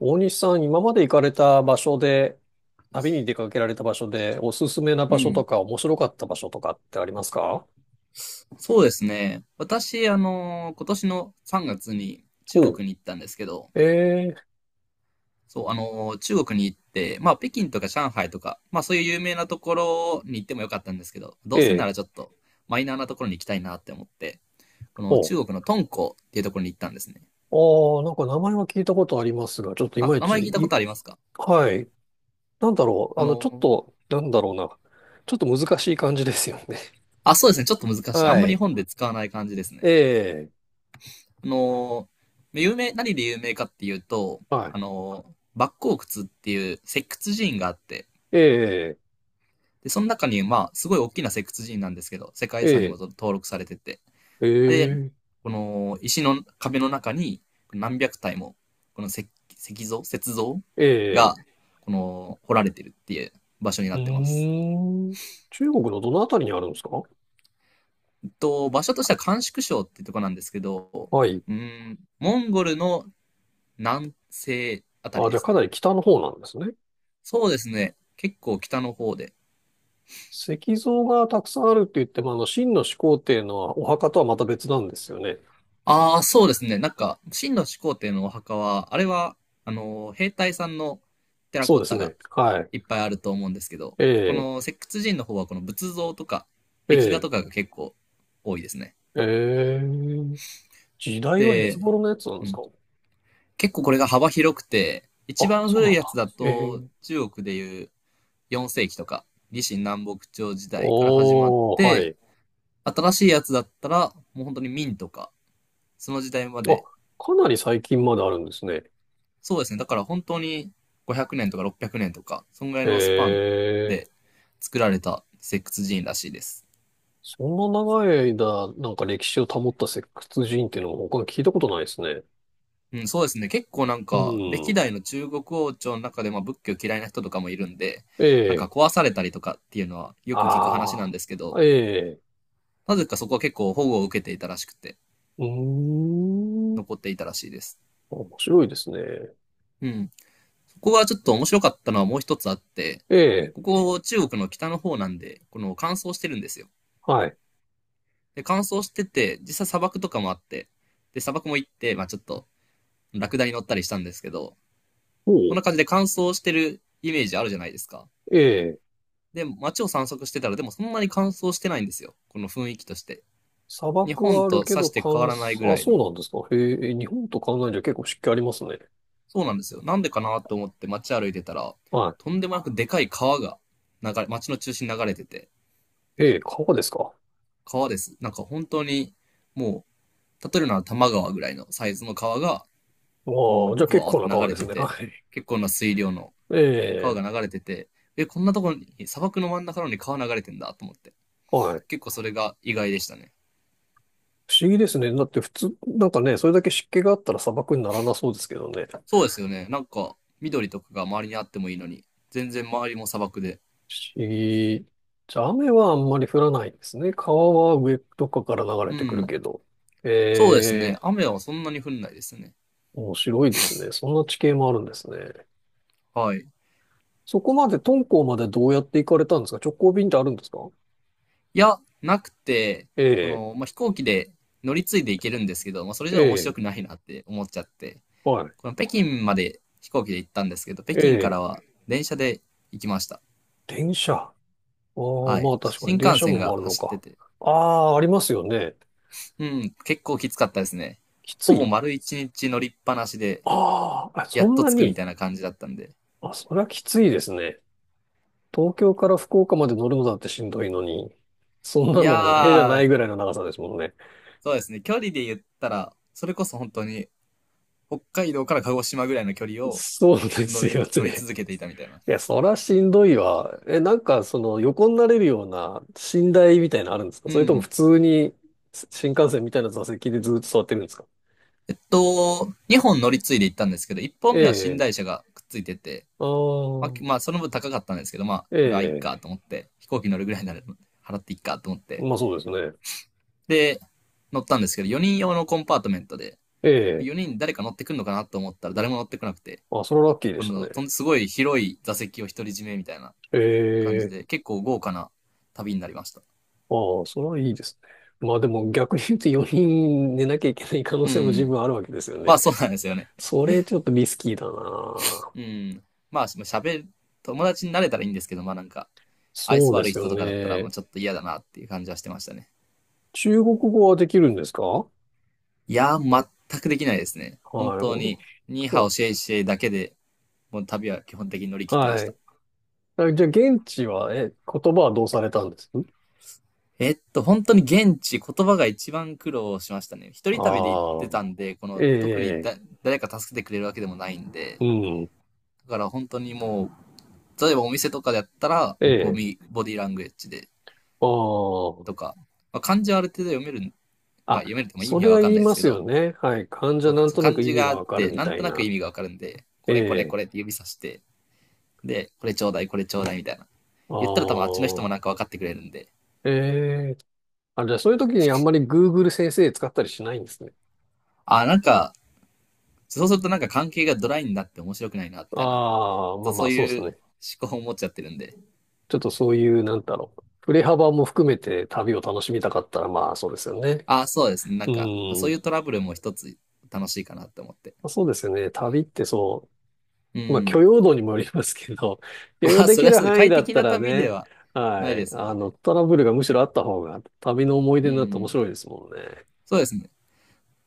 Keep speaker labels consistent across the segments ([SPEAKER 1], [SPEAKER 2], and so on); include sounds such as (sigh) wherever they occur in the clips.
[SPEAKER 1] 大西さん、今まで行かれた場所で、旅に出かけられた場所で、おすすめな
[SPEAKER 2] う
[SPEAKER 1] 場所と
[SPEAKER 2] ん。
[SPEAKER 1] か、面白かった場所とかってありますか？
[SPEAKER 2] そうですね。私、今年の3月に中
[SPEAKER 1] お
[SPEAKER 2] 国に行ったんですけど、
[SPEAKER 1] う。ええ、
[SPEAKER 2] 中国に行って、まあ、北京とか上海とか、まあ、そういう有名なところに行ってもよかったんですけど、どうせな
[SPEAKER 1] ええ、
[SPEAKER 2] らちょっとマイナーなところに行きたいなって思って、この
[SPEAKER 1] お
[SPEAKER 2] 中
[SPEAKER 1] う。
[SPEAKER 2] 国の敦煌っていうところに行ったんですね。
[SPEAKER 1] ああ、なんか名前は聞いたことありますが、ちょっとい
[SPEAKER 2] あ、
[SPEAKER 1] まい
[SPEAKER 2] 名前
[SPEAKER 1] ち、
[SPEAKER 2] 聞いたことありますか？
[SPEAKER 1] はい。なんだろう。
[SPEAKER 2] あ
[SPEAKER 1] ちょっ
[SPEAKER 2] の、
[SPEAKER 1] と、なんだろうな。ちょっと難しい感じですよね。
[SPEAKER 2] あ、そうですね。ちょっと
[SPEAKER 1] (laughs)
[SPEAKER 2] 難しい。あ
[SPEAKER 1] は
[SPEAKER 2] んまり日
[SPEAKER 1] い。
[SPEAKER 2] 本で使わない感じですね。
[SPEAKER 1] ええ。
[SPEAKER 2] あの、有名、何で有名かっていうと、
[SPEAKER 1] はい。
[SPEAKER 2] 莫高窟っていう石窟寺院があって、
[SPEAKER 1] ええ。
[SPEAKER 2] で、その中に、まあ、すごい大きな石窟寺院なんですけど、世界遺産にも
[SPEAKER 1] ええ。
[SPEAKER 2] 登録されてて、で、
[SPEAKER 1] ええ。
[SPEAKER 2] この石の壁の中に何百体も、この石像雪像
[SPEAKER 1] ええ。
[SPEAKER 2] が、この、掘られてるっていう場所にな
[SPEAKER 1] う
[SPEAKER 2] ってま
[SPEAKER 1] ー
[SPEAKER 2] す。
[SPEAKER 1] ん。中国のどのあたりにあるんですか？
[SPEAKER 2] えっと、場所としては甘粛省っていうとこなんですけど、
[SPEAKER 1] はい。
[SPEAKER 2] うん、モンゴルの南西あたり
[SPEAKER 1] あ、じ
[SPEAKER 2] で
[SPEAKER 1] ゃあ
[SPEAKER 2] す
[SPEAKER 1] かな
[SPEAKER 2] ね。
[SPEAKER 1] り北の方なんですね。
[SPEAKER 2] そうですね。結構北の方で、
[SPEAKER 1] 石像がたくさんあるって言っても、秦の始皇帝のお墓とはまた別なんですよね。
[SPEAKER 2] ああ、そうですね。なんか、秦の始皇帝のお墓は、あれは、兵隊さんのテラ
[SPEAKER 1] そう
[SPEAKER 2] コッ
[SPEAKER 1] です
[SPEAKER 2] タが
[SPEAKER 1] ね。はい。
[SPEAKER 2] いっぱいあると思うんですけど、
[SPEAKER 1] え
[SPEAKER 2] こ
[SPEAKER 1] え、
[SPEAKER 2] の石窟人の方は、この仏像とか、
[SPEAKER 1] え
[SPEAKER 2] 壁画
[SPEAKER 1] え、
[SPEAKER 2] とかが結構多いですね。
[SPEAKER 1] ええ、時代はいつ
[SPEAKER 2] で、
[SPEAKER 1] 頃のやつなん
[SPEAKER 2] う
[SPEAKER 1] です
[SPEAKER 2] ん、
[SPEAKER 1] か？
[SPEAKER 2] 結構これが幅広くて、一
[SPEAKER 1] あ、
[SPEAKER 2] 番
[SPEAKER 1] そう
[SPEAKER 2] 古い
[SPEAKER 1] なん
[SPEAKER 2] やつ
[SPEAKER 1] だ。
[SPEAKER 2] だ
[SPEAKER 1] え
[SPEAKER 2] と、
[SPEAKER 1] え、
[SPEAKER 2] 中国でいう4世紀とか、李信南北朝時代から始まっ
[SPEAKER 1] おー、は
[SPEAKER 2] て、
[SPEAKER 1] い。
[SPEAKER 2] 新しいやつだったら、もう本当に明とか、その時代ま
[SPEAKER 1] あ、
[SPEAKER 2] で。
[SPEAKER 1] かなり最近まであるんですね。
[SPEAKER 2] そうですね。だから本当に500年とか600年とか、そんぐらい
[SPEAKER 1] え
[SPEAKER 2] のスパン
[SPEAKER 1] え、
[SPEAKER 2] で作られた石窟寺院らしいです。
[SPEAKER 1] そんな長い間、なんか歴史を保った石窟人っていうのも他に聞いたことないですね。
[SPEAKER 2] うん、そうですね。結構なん
[SPEAKER 1] う
[SPEAKER 2] か、歴
[SPEAKER 1] ん。
[SPEAKER 2] 代の中国王朝の中で、まあ仏教嫌いな人とかもいるんで、
[SPEAKER 1] え
[SPEAKER 2] なんか
[SPEAKER 1] え、
[SPEAKER 2] 壊されたりとかっていうのはよく聞く話なん
[SPEAKER 1] あ
[SPEAKER 2] ですけ
[SPEAKER 1] あ。
[SPEAKER 2] ど、
[SPEAKER 1] ええ。
[SPEAKER 2] なぜかそこは結構保護を受けていたらしくて、
[SPEAKER 1] うーん。
[SPEAKER 2] 残っていたらしいです。
[SPEAKER 1] 面白いですね。
[SPEAKER 2] うん。そこがちょっと面白かったのはもう一つあって、
[SPEAKER 1] ええ、
[SPEAKER 2] ここ中国の北の方なんで、この乾燥してるんですよ。
[SPEAKER 1] はい。
[SPEAKER 2] で、乾燥してて、実際砂漠とかもあって、で、砂漠も行って、まあちょっと、ラクダに乗ったりしたんですけど、
[SPEAKER 1] お
[SPEAKER 2] こん
[SPEAKER 1] う。
[SPEAKER 2] な感じで乾燥してるイメージあるじゃないですか。
[SPEAKER 1] ええ、
[SPEAKER 2] で、街を散策してたら、でもそんなに乾燥してないんですよ。この雰囲気として。
[SPEAKER 1] 砂
[SPEAKER 2] 日
[SPEAKER 1] 漠
[SPEAKER 2] 本
[SPEAKER 1] はある
[SPEAKER 2] と
[SPEAKER 1] け
[SPEAKER 2] さ
[SPEAKER 1] ど、
[SPEAKER 2] して
[SPEAKER 1] 乾
[SPEAKER 2] 変わらないぐ
[SPEAKER 1] 燥、あ、
[SPEAKER 2] らい
[SPEAKER 1] そう
[SPEAKER 2] の。
[SPEAKER 1] なんですか。へえ、日本と考えじゃ結構湿気ありますね。
[SPEAKER 2] そうなんですよ。なんでかなと思って街歩いてたら、
[SPEAKER 1] は
[SPEAKER 2] とんでもなくでかい川が流れ、街の中心に流れてて、
[SPEAKER 1] い。ええ、川ですか。
[SPEAKER 2] 川です。なんか本当に、も例えるなら多摩川ぐらいのサイズの川が、
[SPEAKER 1] ああ、
[SPEAKER 2] も
[SPEAKER 1] じ
[SPEAKER 2] う、
[SPEAKER 1] ゃあ
[SPEAKER 2] ブ
[SPEAKER 1] 結
[SPEAKER 2] ワーっ
[SPEAKER 1] 構
[SPEAKER 2] て
[SPEAKER 1] な
[SPEAKER 2] 流
[SPEAKER 1] 川
[SPEAKER 2] れ
[SPEAKER 1] です
[SPEAKER 2] て
[SPEAKER 1] ね。(laughs) は
[SPEAKER 2] て、
[SPEAKER 1] い。
[SPEAKER 2] 結構な水量の
[SPEAKER 1] え
[SPEAKER 2] 川
[SPEAKER 1] え、
[SPEAKER 2] が流れてて、え、こんなところに、砂漠の真ん中なのに川流れてんだと思って。
[SPEAKER 1] はい。
[SPEAKER 2] 結構それが意外でしたね。
[SPEAKER 1] 不思議ですね。だって普通、なんかね、それだけ湿気があったら砂漠にならなそうですけどね。不
[SPEAKER 2] そうですよね。なんか、緑とかが周りにあってもいいのに、全然周りも砂漠で。
[SPEAKER 1] 思議。じゃあ雨はあんまり降らないんですね。川は上とかから流れ
[SPEAKER 2] う
[SPEAKER 1] てくる
[SPEAKER 2] ん。
[SPEAKER 1] けど。
[SPEAKER 2] そうです
[SPEAKER 1] え
[SPEAKER 2] ね。
[SPEAKER 1] え。
[SPEAKER 2] 雨はそんなに降んないですね。
[SPEAKER 1] 面白いですね。そんな地形もあるんですね。
[SPEAKER 2] はい。い
[SPEAKER 1] そこまで、敦煌までどうやって行かれたんですか？直行便ってあるんですか？
[SPEAKER 2] や、なくて、
[SPEAKER 1] え
[SPEAKER 2] こ
[SPEAKER 1] え、
[SPEAKER 2] の、まあ、飛行機で乗り継いで行けるんですけど、まあ、それじ
[SPEAKER 1] え
[SPEAKER 2] ゃ面白
[SPEAKER 1] え、
[SPEAKER 2] くないなって思っちゃって、
[SPEAKER 1] はい。
[SPEAKER 2] この北京まで飛行機で行ったんですけど、北
[SPEAKER 1] え
[SPEAKER 2] 京か
[SPEAKER 1] え、
[SPEAKER 2] らは電車で行きました。
[SPEAKER 1] 電車。ああ、
[SPEAKER 2] はい。
[SPEAKER 1] まあ確か
[SPEAKER 2] 新
[SPEAKER 1] に電
[SPEAKER 2] 幹
[SPEAKER 1] 車も
[SPEAKER 2] 線
[SPEAKER 1] 回
[SPEAKER 2] が
[SPEAKER 1] るの
[SPEAKER 2] 走って
[SPEAKER 1] か。
[SPEAKER 2] て、
[SPEAKER 1] ああ、ありますよね。
[SPEAKER 2] うん、結構きつかったですね。
[SPEAKER 1] きつ
[SPEAKER 2] ほぼ
[SPEAKER 1] い？
[SPEAKER 2] 丸一日乗りっぱなしで、
[SPEAKER 1] あーあ、あ
[SPEAKER 2] や
[SPEAKER 1] そ
[SPEAKER 2] っ
[SPEAKER 1] ん
[SPEAKER 2] と
[SPEAKER 1] な
[SPEAKER 2] 着くみ
[SPEAKER 1] に。
[SPEAKER 2] たいな感じだったんで。
[SPEAKER 1] あ、そりゃきついですね。東京から福岡まで乗るのだってしんどいのに。そん
[SPEAKER 2] い
[SPEAKER 1] な
[SPEAKER 2] や
[SPEAKER 1] の、ええじゃないぐ
[SPEAKER 2] ー、
[SPEAKER 1] らいの長さですもんね。
[SPEAKER 2] そうですね。距離で言ったら、それこそ本当に、北海道から鹿児島ぐらいの距離を
[SPEAKER 1] そうで
[SPEAKER 2] 乗
[SPEAKER 1] す
[SPEAKER 2] り、
[SPEAKER 1] よ
[SPEAKER 2] 乗り
[SPEAKER 1] ね。
[SPEAKER 2] 続けていたみたいな。
[SPEAKER 1] いや、そらしんどいわ。なんか、横になれるような寝台みたいなのあるんですか？
[SPEAKER 2] う
[SPEAKER 1] それとも普
[SPEAKER 2] ん。
[SPEAKER 1] 通に新幹線みたいな座席でずっと座ってるんですか？
[SPEAKER 2] えっと、2本乗り継いで行ったんですけど、1
[SPEAKER 1] え
[SPEAKER 2] 本目は寝台
[SPEAKER 1] え。
[SPEAKER 2] 車がくっついてて、
[SPEAKER 1] あ
[SPEAKER 2] まあ、
[SPEAKER 1] あ、
[SPEAKER 2] きまあ、その分高かったんですけど、まあ、
[SPEAKER 1] え
[SPEAKER 2] これはいい
[SPEAKER 1] え。
[SPEAKER 2] かと思って、飛行機乗るぐらいなら払っていいかと思って。
[SPEAKER 1] まあそうですね。
[SPEAKER 2] で、乗ったんですけど、4人用のコンパートメントで、
[SPEAKER 1] ええ。
[SPEAKER 2] 4人誰か乗ってくんのかなと思ったら誰も乗ってこなくて、
[SPEAKER 1] あ、それはラッキーで
[SPEAKER 2] こ
[SPEAKER 1] した
[SPEAKER 2] の
[SPEAKER 1] ね。
[SPEAKER 2] とんすごい広い座席を独り占めみたいな
[SPEAKER 1] え
[SPEAKER 2] 感じ
[SPEAKER 1] え。
[SPEAKER 2] で、結構豪華な旅になりました。
[SPEAKER 1] ああ、それはいいですね。まあでも逆に言うと4人寝なきゃいけない可能
[SPEAKER 2] う
[SPEAKER 1] 性も十
[SPEAKER 2] ん。
[SPEAKER 1] 分あるわけですよ
[SPEAKER 2] ま
[SPEAKER 1] ね。
[SPEAKER 2] あそうなんですよね。
[SPEAKER 1] それちょっとリスキーだな。
[SPEAKER 2] うん。まあ喋る、友達になれたらいいんですけど、まあなんか、愛
[SPEAKER 1] そう
[SPEAKER 2] 想
[SPEAKER 1] で
[SPEAKER 2] 悪い
[SPEAKER 1] す
[SPEAKER 2] 人
[SPEAKER 1] よ
[SPEAKER 2] とかだったら、ま
[SPEAKER 1] ね。
[SPEAKER 2] あちょっと嫌だなっていう感じはしてましたね。
[SPEAKER 1] 中国語はできるんですか？は
[SPEAKER 2] いやー、全くできないですね。本当に、ニーハ
[SPEAKER 1] い。
[SPEAKER 2] オシェイシェイだけで、もう旅は基本的に乗り切ってまし
[SPEAKER 1] はい。
[SPEAKER 2] た。
[SPEAKER 1] あ、じゃあ、現地は、言葉はどうされたんです？
[SPEAKER 2] えっと、本当に現地、言葉が一番苦労しましたね。一人旅で行っ
[SPEAKER 1] あ
[SPEAKER 2] て
[SPEAKER 1] あ、
[SPEAKER 2] たんで、この、特に
[SPEAKER 1] ええ、
[SPEAKER 2] だ、誰か助けてくれるわけでもないんで、
[SPEAKER 1] う
[SPEAKER 2] だ
[SPEAKER 1] ん、
[SPEAKER 2] から本当に例えばお店とかだったら、
[SPEAKER 1] え
[SPEAKER 2] こう、
[SPEAKER 1] え、
[SPEAKER 2] みボディーラングエッジで、
[SPEAKER 1] あ
[SPEAKER 2] とか、まあ、漢字はある程度読める、
[SPEAKER 1] あ、
[SPEAKER 2] まあ
[SPEAKER 1] あ、
[SPEAKER 2] 読めるっても意
[SPEAKER 1] そ
[SPEAKER 2] 味
[SPEAKER 1] れ
[SPEAKER 2] はわ
[SPEAKER 1] は
[SPEAKER 2] かん
[SPEAKER 1] 言い
[SPEAKER 2] ないで
[SPEAKER 1] ま
[SPEAKER 2] すけ
[SPEAKER 1] すよ
[SPEAKER 2] ど、
[SPEAKER 1] ね。はい。患
[SPEAKER 2] そ
[SPEAKER 1] 者
[SPEAKER 2] う
[SPEAKER 1] な
[SPEAKER 2] か、
[SPEAKER 1] ん
[SPEAKER 2] そう
[SPEAKER 1] とな
[SPEAKER 2] 漢
[SPEAKER 1] く意
[SPEAKER 2] 字
[SPEAKER 1] 味
[SPEAKER 2] があ
[SPEAKER 1] が
[SPEAKER 2] っ
[SPEAKER 1] わかる
[SPEAKER 2] て、
[SPEAKER 1] み
[SPEAKER 2] なん
[SPEAKER 1] た
[SPEAKER 2] と
[SPEAKER 1] い
[SPEAKER 2] なく意
[SPEAKER 1] な。
[SPEAKER 2] 味がわかるんで、
[SPEAKER 1] え
[SPEAKER 2] これこれ
[SPEAKER 1] え、
[SPEAKER 2] これって指さして、で、これちょうだい、これちょうだいみたいな。
[SPEAKER 1] あ
[SPEAKER 2] 言ったら多分あっちの人もな
[SPEAKER 1] あ、
[SPEAKER 2] んか分かってくれるんで、
[SPEAKER 1] ええ、あ、じゃあ、そういう時にあんまり Google 先生使ったりしないんですね。
[SPEAKER 2] あー、なんか、そうするとなんか関係がドライになって面白くないな、みたいな。
[SPEAKER 1] ああ、まあ
[SPEAKER 2] と
[SPEAKER 1] ま
[SPEAKER 2] そ
[SPEAKER 1] あ、
[SPEAKER 2] う
[SPEAKER 1] そうです
[SPEAKER 2] いう
[SPEAKER 1] ね。
[SPEAKER 2] 思考を持っちゃってるんで。
[SPEAKER 1] ちょっとそういう、なんだろう。振れ幅も含めて旅を楽しみたかったら、まあ、そうですよね。
[SPEAKER 2] あ、そうですね。なん
[SPEAKER 1] う
[SPEAKER 2] か、そうい
[SPEAKER 1] ん。
[SPEAKER 2] うトラブルも一つ楽しいかなって思って。
[SPEAKER 1] そうですよね。旅ってそ
[SPEAKER 2] う
[SPEAKER 1] う、まあ、許
[SPEAKER 2] ん。
[SPEAKER 1] 容度にもよりますけど、(laughs)
[SPEAKER 2] (laughs)
[SPEAKER 1] 許
[SPEAKER 2] ま
[SPEAKER 1] 容
[SPEAKER 2] あ、
[SPEAKER 1] で
[SPEAKER 2] それ
[SPEAKER 1] き
[SPEAKER 2] は
[SPEAKER 1] る
[SPEAKER 2] そうで、
[SPEAKER 1] 範囲
[SPEAKER 2] 快
[SPEAKER 1] だっ
[SPEAKER 2] 適
[SPEAKER 1] た
[SPEAKER 2] な
[SPEAKER 1] ら
[SPEAKER 2] 旅で
[SPEAKER 1] ね、
[SPEAKER 2] はな
[SPEAKER 1] は
[SPEAKER 2] いで
[SPEAKER 1] い、
[SPEAKER 2] すもんね。
[SPEAKER 1] トラブルがむしろあった方が、旅の思い
[SPEAKER 2] う
[SPEAKER 1] 出になって面
[SPEAKER 2] ん。
[SPEAKER 1] 白いですもんね。
[SPEAKER 2] そうですね。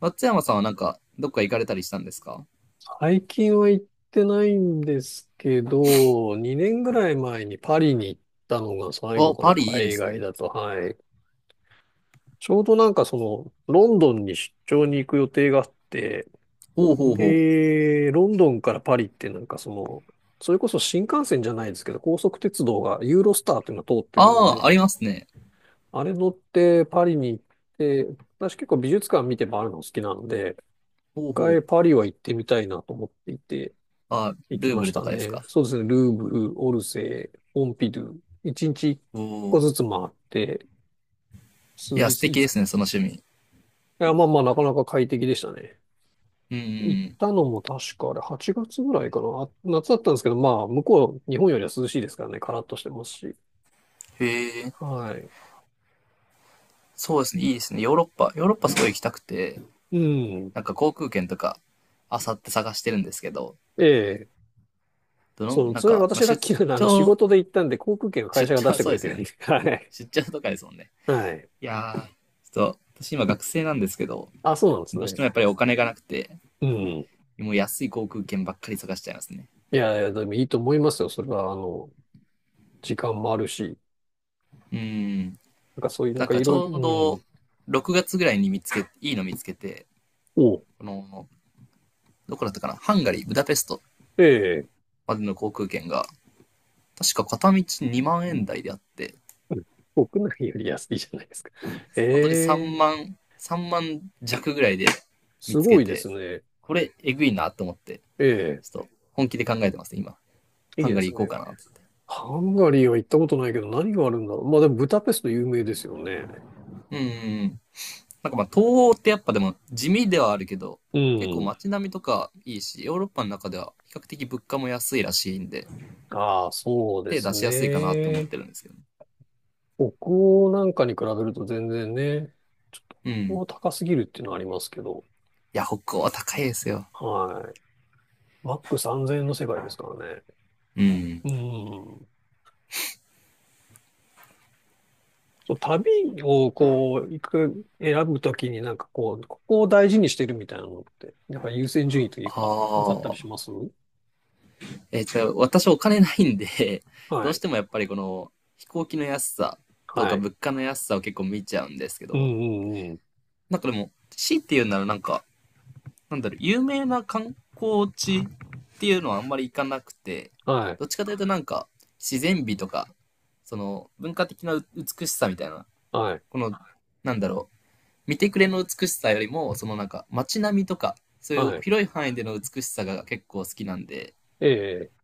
[SPEAKER 2] 松山さんはなんか、どっか行かれたりしたんですか？
[SPEAKER 1] 最近は行ってないんですけど、2年ぐらい前にパリに行ったのが最後
[SPEAKER 2] あ、
[SPEAKER 1] かな、
[SPEAKER 2] パリいいで
[SPEAKER 1] 海
[SPEAKER 2] す
[SPEAKER 1] 外
[SPEAKER 2] ね。
[SPEAKER 1] だと、はい。ちょうどなんかその、ロンドンに出張に行く予定があって、
[SPEAKER 2] ほうほうほう。
[SPEAKER 1] で、ロンドンからパリってなんかその、それこそ新幹線じゃないですけど、高速鉄道がユーロスターっていうのが通ってるの
[SPEAKER 2] ああ、あ
[SPEAKER 1] で、
[SPEAKER 2] りますね。
[SPEAKER 1] あれ乗ってパリに行って、私結構美術館見て回るの好きなので、
[SPEAKER 2] ほう
[SPEAKER 1] 一
[SPEAKER 2] ほ
[SPEAKER 1] 回
[SPEAKER 2] う。
[SPEAKER 1] パリは行ってみたいなと思っていて、
[SPEAKER 2] あ、
[SPEAKER 1] 行き
[SPEAKER 2] ルー
[SPEAKER 1] ま
[SPEAKER 2] ブ
[SPEAKER 1] し
[SPEAKER 2] ルと
[SPEAKER 1] た
[SPEAKER 2] かです
[SPEAKER 1] ね。
[SPEAKER 2] か？
[SPEAKER 1] そうですね、ルーブル、オルセー、ポンピドゥ、一日一
[SPEAKER 2] お
[SPEAKER 1] 個
[SPEAKER 2] お。
[SPEAKER 1] ずつ回って、
[SPEAKER 2] い
[SPEAKER 1] 数日、
[SPEAKER 2] や、素
[SPEAKER 1] い
[SPEAKER 2] 敵
[SPEAKER 1] つ、い
[SPEAKER 2] ですね、その趣味。
[SPEAKER 1] や、まあまあなかなか快適でしたね。
[SPEAKER 2] うんう
[SPEAKER 1] 行った
[SPEAKER 2] ん
[SPEAKER 1] のも確かあれ8月ぐらいかな。あ、夏だったんですけど、まあ向こう、日本よりは涼しいですからね、カラッとしてますし。
[SPEAKER 2] うん。へえ、
[SPEAKER 1] はい。
[SPEAKER 2] そうですね、いいですね。ヨーロッパ、ヨーロッパすごい行きたくて、
[SPEAKER 1] うん。
[SPEAKER 2] なんか航空券とか、あさって探してるんですけど、
[SPEAKER 1] ええ。
[SPEAKER 2] どの、
[SPEAKER 1] そう、
[SPEAKER 2] なん
[SPEAKER 1] それ
[SPEAKER 2] か、まあ、
[SPEAKER 1] 私ラッキーなのは、仕
[SPEAKER 2] 張、
[SPEAKER 1] 事で行ったんで、航空券は会
[SPEAKER 2] 出
[SPEAKER 1] 社が出し
[SPEAKER 2] 張、
[SPEAKER 1] てく
[SPEAKER 2] そう
[SPEAKER 1] れ
[SPEAKER 2] です
[SPEAKER 1] て
[SPEAKER 2] よ
[SPEAKER 1] るん
[SPEAKER 2] ね。
[SPEAKER 1] で。(laughs) はい。
[SPEAKER 2] 出張とかですもんね。
[SPEAKER 1] はい。
[SPEAKER 2] いやー、ちょっと、私今学生なんですけど、
[SPEAKER 1] あ、そうなんです
[SPEAKER 2] どうして
[SPEAKER 1] ね。
[SPEAKER 2] もやっぱりお金がなくて、
[SPEAKER 1] うん。
[SPEAKER 2] もう安い航空券ばっかり探しちゃいますね。
[SPEAKER 1] いやいや、でもいいと思いますよ。それは、時間もあるし、
[SPEAKER 2] うーん。
[SPEAKER 1] なんかそういう、なん
[SPEAKER 2] なん
[SPEAKER 1] か
[SPEAKER 2] か
[SPEAKER 1] い
[SPEAKER 2] ち
[SPEAKER 1] ろいろ、
[SPEAKER 2] ょう
[SPEAKER 1] う
[SPEAKER 2] ど、
[SPEAKER 1] ん。
[SPEAKER 2] 6月ぐらいに見つけ、いいの見つけて、
[SPEAKER 1] お、
[SPEAKER 2] この、どこだったかな、ハンガリー、ブダペスト
[SPEAKER 1] ええ、
[SPEAKER 2] までの航空券が、確か片道2万円台であって、
[SPEAKER 1] うん。国内より安いじゃないですか。
[SPEAKER 2] 本当に
[SPEAKER 1] ええ、
[SPEAKER 2] 3万弱ぐらいで見
[SPEAKER 1] す
[SPEAKER 2] つ
[SPEAKER 1] ご
[SPEAKER 2] け
[SPEAKER 1] いで
[SPEAKER 2] て、
[SPEAKER 1] すね。
[SPEAKER 2] これ、えぐいなと思って、
[SPEAKER 1] え
[SPEAKER 2] ちょっと本気で考えてますね、今。
[SPEAKER 1] え、い
[SPEAKER 2] ハ
[SPEAKER 1] い
[SPEAKER 2] ン
[SPEAKER 1] で
[SPEAKER 2] ガリ
[SPEAKER 1] す
[SPEAKER 2] ー行こう
[SPEAKER 1] ね。
[SPEAKER 2] かなって。
[SPEAKER 1] ハンガリーは行ったことないけど、何があるんだろう。まあでも、ブダペスト有名ですよね。
[SPEAKER 2] うんうんうん。なんかまあ、東欧ってやっぱでも地味ではあるけど、
[SPEAKER 1] う
[SPEAKER 2] 結構
[SPEAKER 1] ん。
[SPEAKER 2] 街並みとかいいし、ヨーロッパの中では比較的物価も安いらしいんで、
[SPEAKER 1] ああ、そうで
[SPEAKER 2] 手
[SPEAKER 1] す
[SPEAKER 2] 出しやすいかなって思っ
[SPEAKER 1] ね。
[SPEAKER 2] てるんですけどね。
[SPEAKER 1] 北欧なんかに比べると全然ね、ちょっと
[SPEAKER 2] う
[SPEAKER 1] 北
[SPEAKER 2] ん。い
[SPEAKER 1] 欧高すぎるっていうのはありますけど、
[SPEAKER 2] や、北欧は高いですよ。
[SPEAKER 1] はい。マック3000円の世界ですからね。
[SPEAKER 2] うん。
[SPEAKER 1] うん。そう、旅をこう、行く、選ぶときになんかこう、ここを大事にしてるみたいなのって、なんか優先順位とい
[SPEAKER 2] あ
[SPEAKER 1] うか、なんかあったりし
[SPEAKER 2] あ。
[SPEAKER 1] ます？
[SPEAKER 2] えっと、私お金ないんで、(laughs)
[SPEAKER 1] は
[SPEAKER 2] どうし
[SPEAKER 1] い。
[SPEAKER 2] てもやっぱりこの飛行機の安さと
[SPEAKER 1] は
[SPEAKER 2] か
[SPEAKER 1] い。
[SPEAKER 2] 物価の安さを結構見ちゃうんですけ
[SPEAKER 1] うん
[SPEAKER 2] ど、
[SPEAKER 1] うんうん。
[SPEAKER 2] なんかでも、C っていうならなんか、なんだろう、有名な観光地っていうのはあんまり行かなくて、
[SPEAKER 1] はい。
[SPEAKER 2] どっちかというとなんか自然美とか、その文化的な美しさみたいな、
[SPEAKER 1] はい。
[SPEAKER 2] この、なんだろう、見てくれの美しさよりも、そのなんか街並みとか、そうい
[SPEAKER 1] は
[SPEAKER 2] う
[SPEAKER 1] い。
[SPEAKER 2] 広い範囲での美しさが結構好きなんで、
[SPEAKER 1] ええ。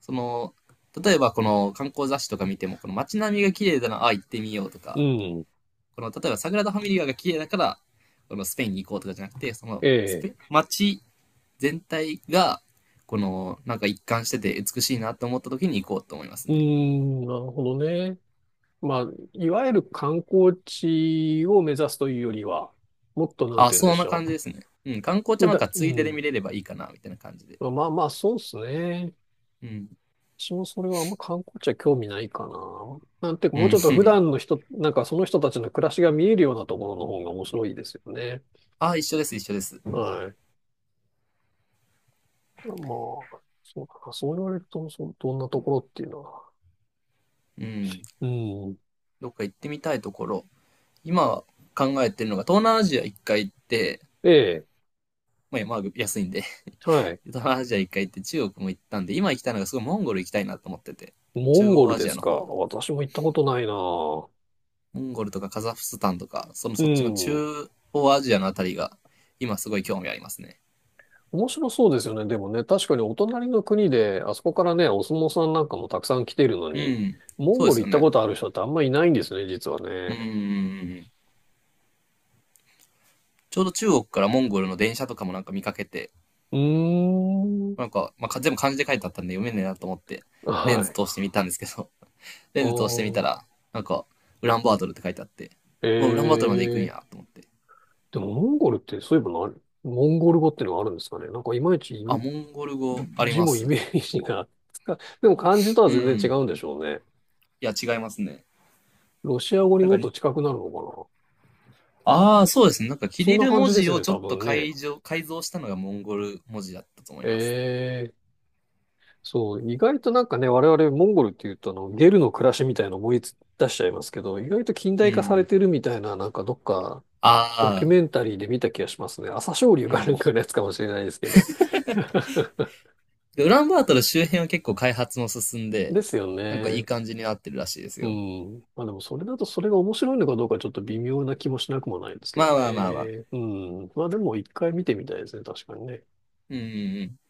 [SPEAKER 2] その、例えばこの観光雑誌とか見ても、この街並みが綺麗だな、ああ行ってみようと
[SPEAKER 1] う
[SPEAKER 2] か、
[SPEAKER 1] ん。
[SPEAKER 2] この例えばサグラダ・ファミリアが綺麗だから、このスペインに行こうとかじゃなくて、その
[SPEAKER 1] え
[SPEAKER 2] ス
[SPEAKER 1] え。
[SPEAKER 2] ペ、街全体が、このなんか一貫してて美しいなと思った時に行こうと思います
[SPEAKER 1] う
[SPEAKER 2] ね。
[SPEAKER 1] ん。なるほどね。まあ、いわゆる観光地を目指すというよりは、もっとなん
[SPEAKER 2] あ、
[SPEAKER 1] て言うん
[SPEAKER 2] そ
[SPEAKER 1] で
[SPEAKER 2] ん
[SPEAKER 1] し
[SPEAKER 2] な感
[SPEAKER 1] ょ
[SPEAKER 2] じですね。うん、観光
[SPEAKER 1] う。
[SPEAKER 2] 茶
[SPEAKER 1] 普
[SPEAKER 2] なん
[SPEAKER 1] 段、
[SPEAKER 2] か
[SPEAKER 1] う
[SPEAKER 2] ついでで
[SPEAKER 1] ん。
[SPEAKER 2] 見れればいいかな、みたいな感じで。
[SPEAKER 1] まあまあそうですね。
[SPEAKER 2] うん。
[SPEAKER 1] 私もそれはあんま観光地は興味ないかな。なんていうか、
[SPEAKER 2] う
[SPEAKER 1] もう
[SPEAKER 2] ん。
[SPEAKER 1] ちょっと普段
[SPEAKER 2] (laughs)
[SPEAKER 1] の人、なんかその人たちの暮らしが見えるようなところの方が面白いですよね。
[SPEAKER 2] あ、一緒です、一緒です。
[SPEAKER 1] はい。まあ、そうかな。そう言われると、そうどんなところっていうのは。
[SPEAKER 2] うん。
[SPEAKER 1] うん。
[SPEAKER 2] どっか行ってみたいところ。今考えてるのが、東南アジア一回行って、
[SPEAKER 1] ええ。
[SPEAKER 2] まあ、安いんで、
[SPEAKER 1] はい。
[SPEAKER 2] 東南アジア一回行って中国も行ったんで、今行きたいのがすごいモンゴル行きたいなと思ってて。
[SPEAKER 1] モ
[SPEAKER 2] 中
[SPEAKER 1] ンゴ
[SPEAKER 2] 央
[SPEAKER 1] ル
[SPEAKER 2] ア
[SPEAKER 1] で
[SPEAKER 2] ジア
[SPEAKER 1] す
[SPEAKER 2] の
[SPEAKER 1] か。
[SPEAKER 2] 方。
[SPEAKER 1] 私も行ったことないな。
[SPEAKER 2] モンゴルとかカザフスタンとか、その
[SPEAKER 1] う
[SPEAKER 2] そっちの
[SPEAKER 1] ん。
[SPEAKER 2] 中央アジアのあたりが、今すごい興味ありますね。
[SPEAKER 1] 面白そうですよね。でもね、確かにお隣の国で、あそこからね、お相撲さんなんかもたくさん来ているの
[SPEAKER 2] う
[SPEAKER 1] に、
[SPEAKER 2] ん。
[SPEAKER 1] モン
[SPEAKER 2] そうで
[SPEAKER 1] ゴル
[SPEAKER 2] す
[SPEAKER 1] 行っ
[SPEAKER 2] よ
[SPEAKER 1] た
[SPEAKER 2] ね。
[SPEAKER 1] ことある人ってあんまいないんですね、実は
[SPEAKER 2] う
[SPEAKER 1] ね。
[SPEAKER 2] ーん。ちょうど中国からモンゴルの電車とかもなんか見かけて、
[SPEAKER 1] うーん。
[SPEAKER 2] なんか、まあ、か全部漢字で書いてあったんで読めねえなと思って、レン
[SPEAKER 1] は
[SPEAKER 2] ズ
[SPEAKER 1] い。
[SPEAKER 2] 通してみたんですけど、(laughs) レ
[SPEAKER 1] あ
[SPEAKER 2] ンズ通してみた
[SPEAKER 1] ー、
[SPEAKER 2] ら、なんか、ウランバートルって書いてあって、うわ、ウランバートルまで行くん
[SPEAKER 1] えー。
[SPEAKER 2] や、と思って。
[SPEAKER 1] でも、モンゴルって、そういえばな、モンゴル語っていうのがあるんですかね。なんか、いまいち
[SPEAKER 2] あ、モンゴル語あり
[SPEAKER 1] 字
[SPEAKER 2] ま
[SPEAKER 1] もイ
[SPEAKER 2] す。
[SPEAKER 1] メージがでも漢字とは
[SPEAKER 2] う
[SPEAKER 1] 全然違
[SPEAKER 2] ん。
[SPEAKER 1] うんでしょうね。
[SPEAKER 2] いや、違いますね。
[SPEAKER 1] ロシア語に
[SPEAKER 2] なん
[SPEAKER 1] も
[SPEAKER 2] か
[SPEAKER 1] っ
[SPEAKER 2] に、
[SPEAKER 1] と近くなるのかな。
[SPEAKER 2] ああ、そうですね。なんか、キ
[SPEAKER 1] そん
[SPEAKER 2] リ
[SPEAKER 1] な
[SPEAKER 2] ル
[SPEAKER 1] 感
[SPEAKER 2] 文
[SPEAKER 1] じで
[SPEAKER 2] 字
[SPEAKER 1] すよ
[SPEAKER 2] を
[SPEAKER 1] ね、
[SPEAKER 2] ちょ
[SPEAKER 1] 多
[SPEAKER 2] っと
[SPEAKER 1] 分ね。
[SPEAKER 2] 改造したのがモンゴル文字だったと思います。
[SPEAKER 1] ええ。そう、意外となんかね、我々モンゴルっていうとあの、ゲルの暮らしみたいなの思い出しちゃいますけど、意外と近
[SPEAKER 2] う
[SPEAKER 1] 代化され
[SPEAKER 2] ん。
[SPEAKER 1] てるみたいな、なんかどっかドキュ
[SPEAKER 2] ああ、
[SPEAKER 1] メンタリーで見た気がしますね。朝青龍
[SPEAKER 2] う
[SPEAKER 1] かなん
[SPEAKER 2] ん。
[SPEAKER 1] かのやつかもしれないですけど。
[SPEAKER 2] で、ウランバートル周辺は結構開発も進んで、
[SPEAKER 1] ですよ
[SPEAKER 2] なんかいい
[SPEAKER 1] ね。
[SPEAKER 2] 感じになってるらしいです
[SPEAKER 1] う
[SPEAKER 2] よ。
[SPEAKER 1] ん。まあでもそれだとそれが面白いのかどうかちょっと微妙な気もしなくもないですけ
[SPEAKER 2] ま
[SPEAKER 1] ど
[SPEAKER 2] あまあまあまあ。
[SPEAKER 1] ね。うん。まあでも一回見てみたいですね、確かにね。
[SPEAKER 2] うんうん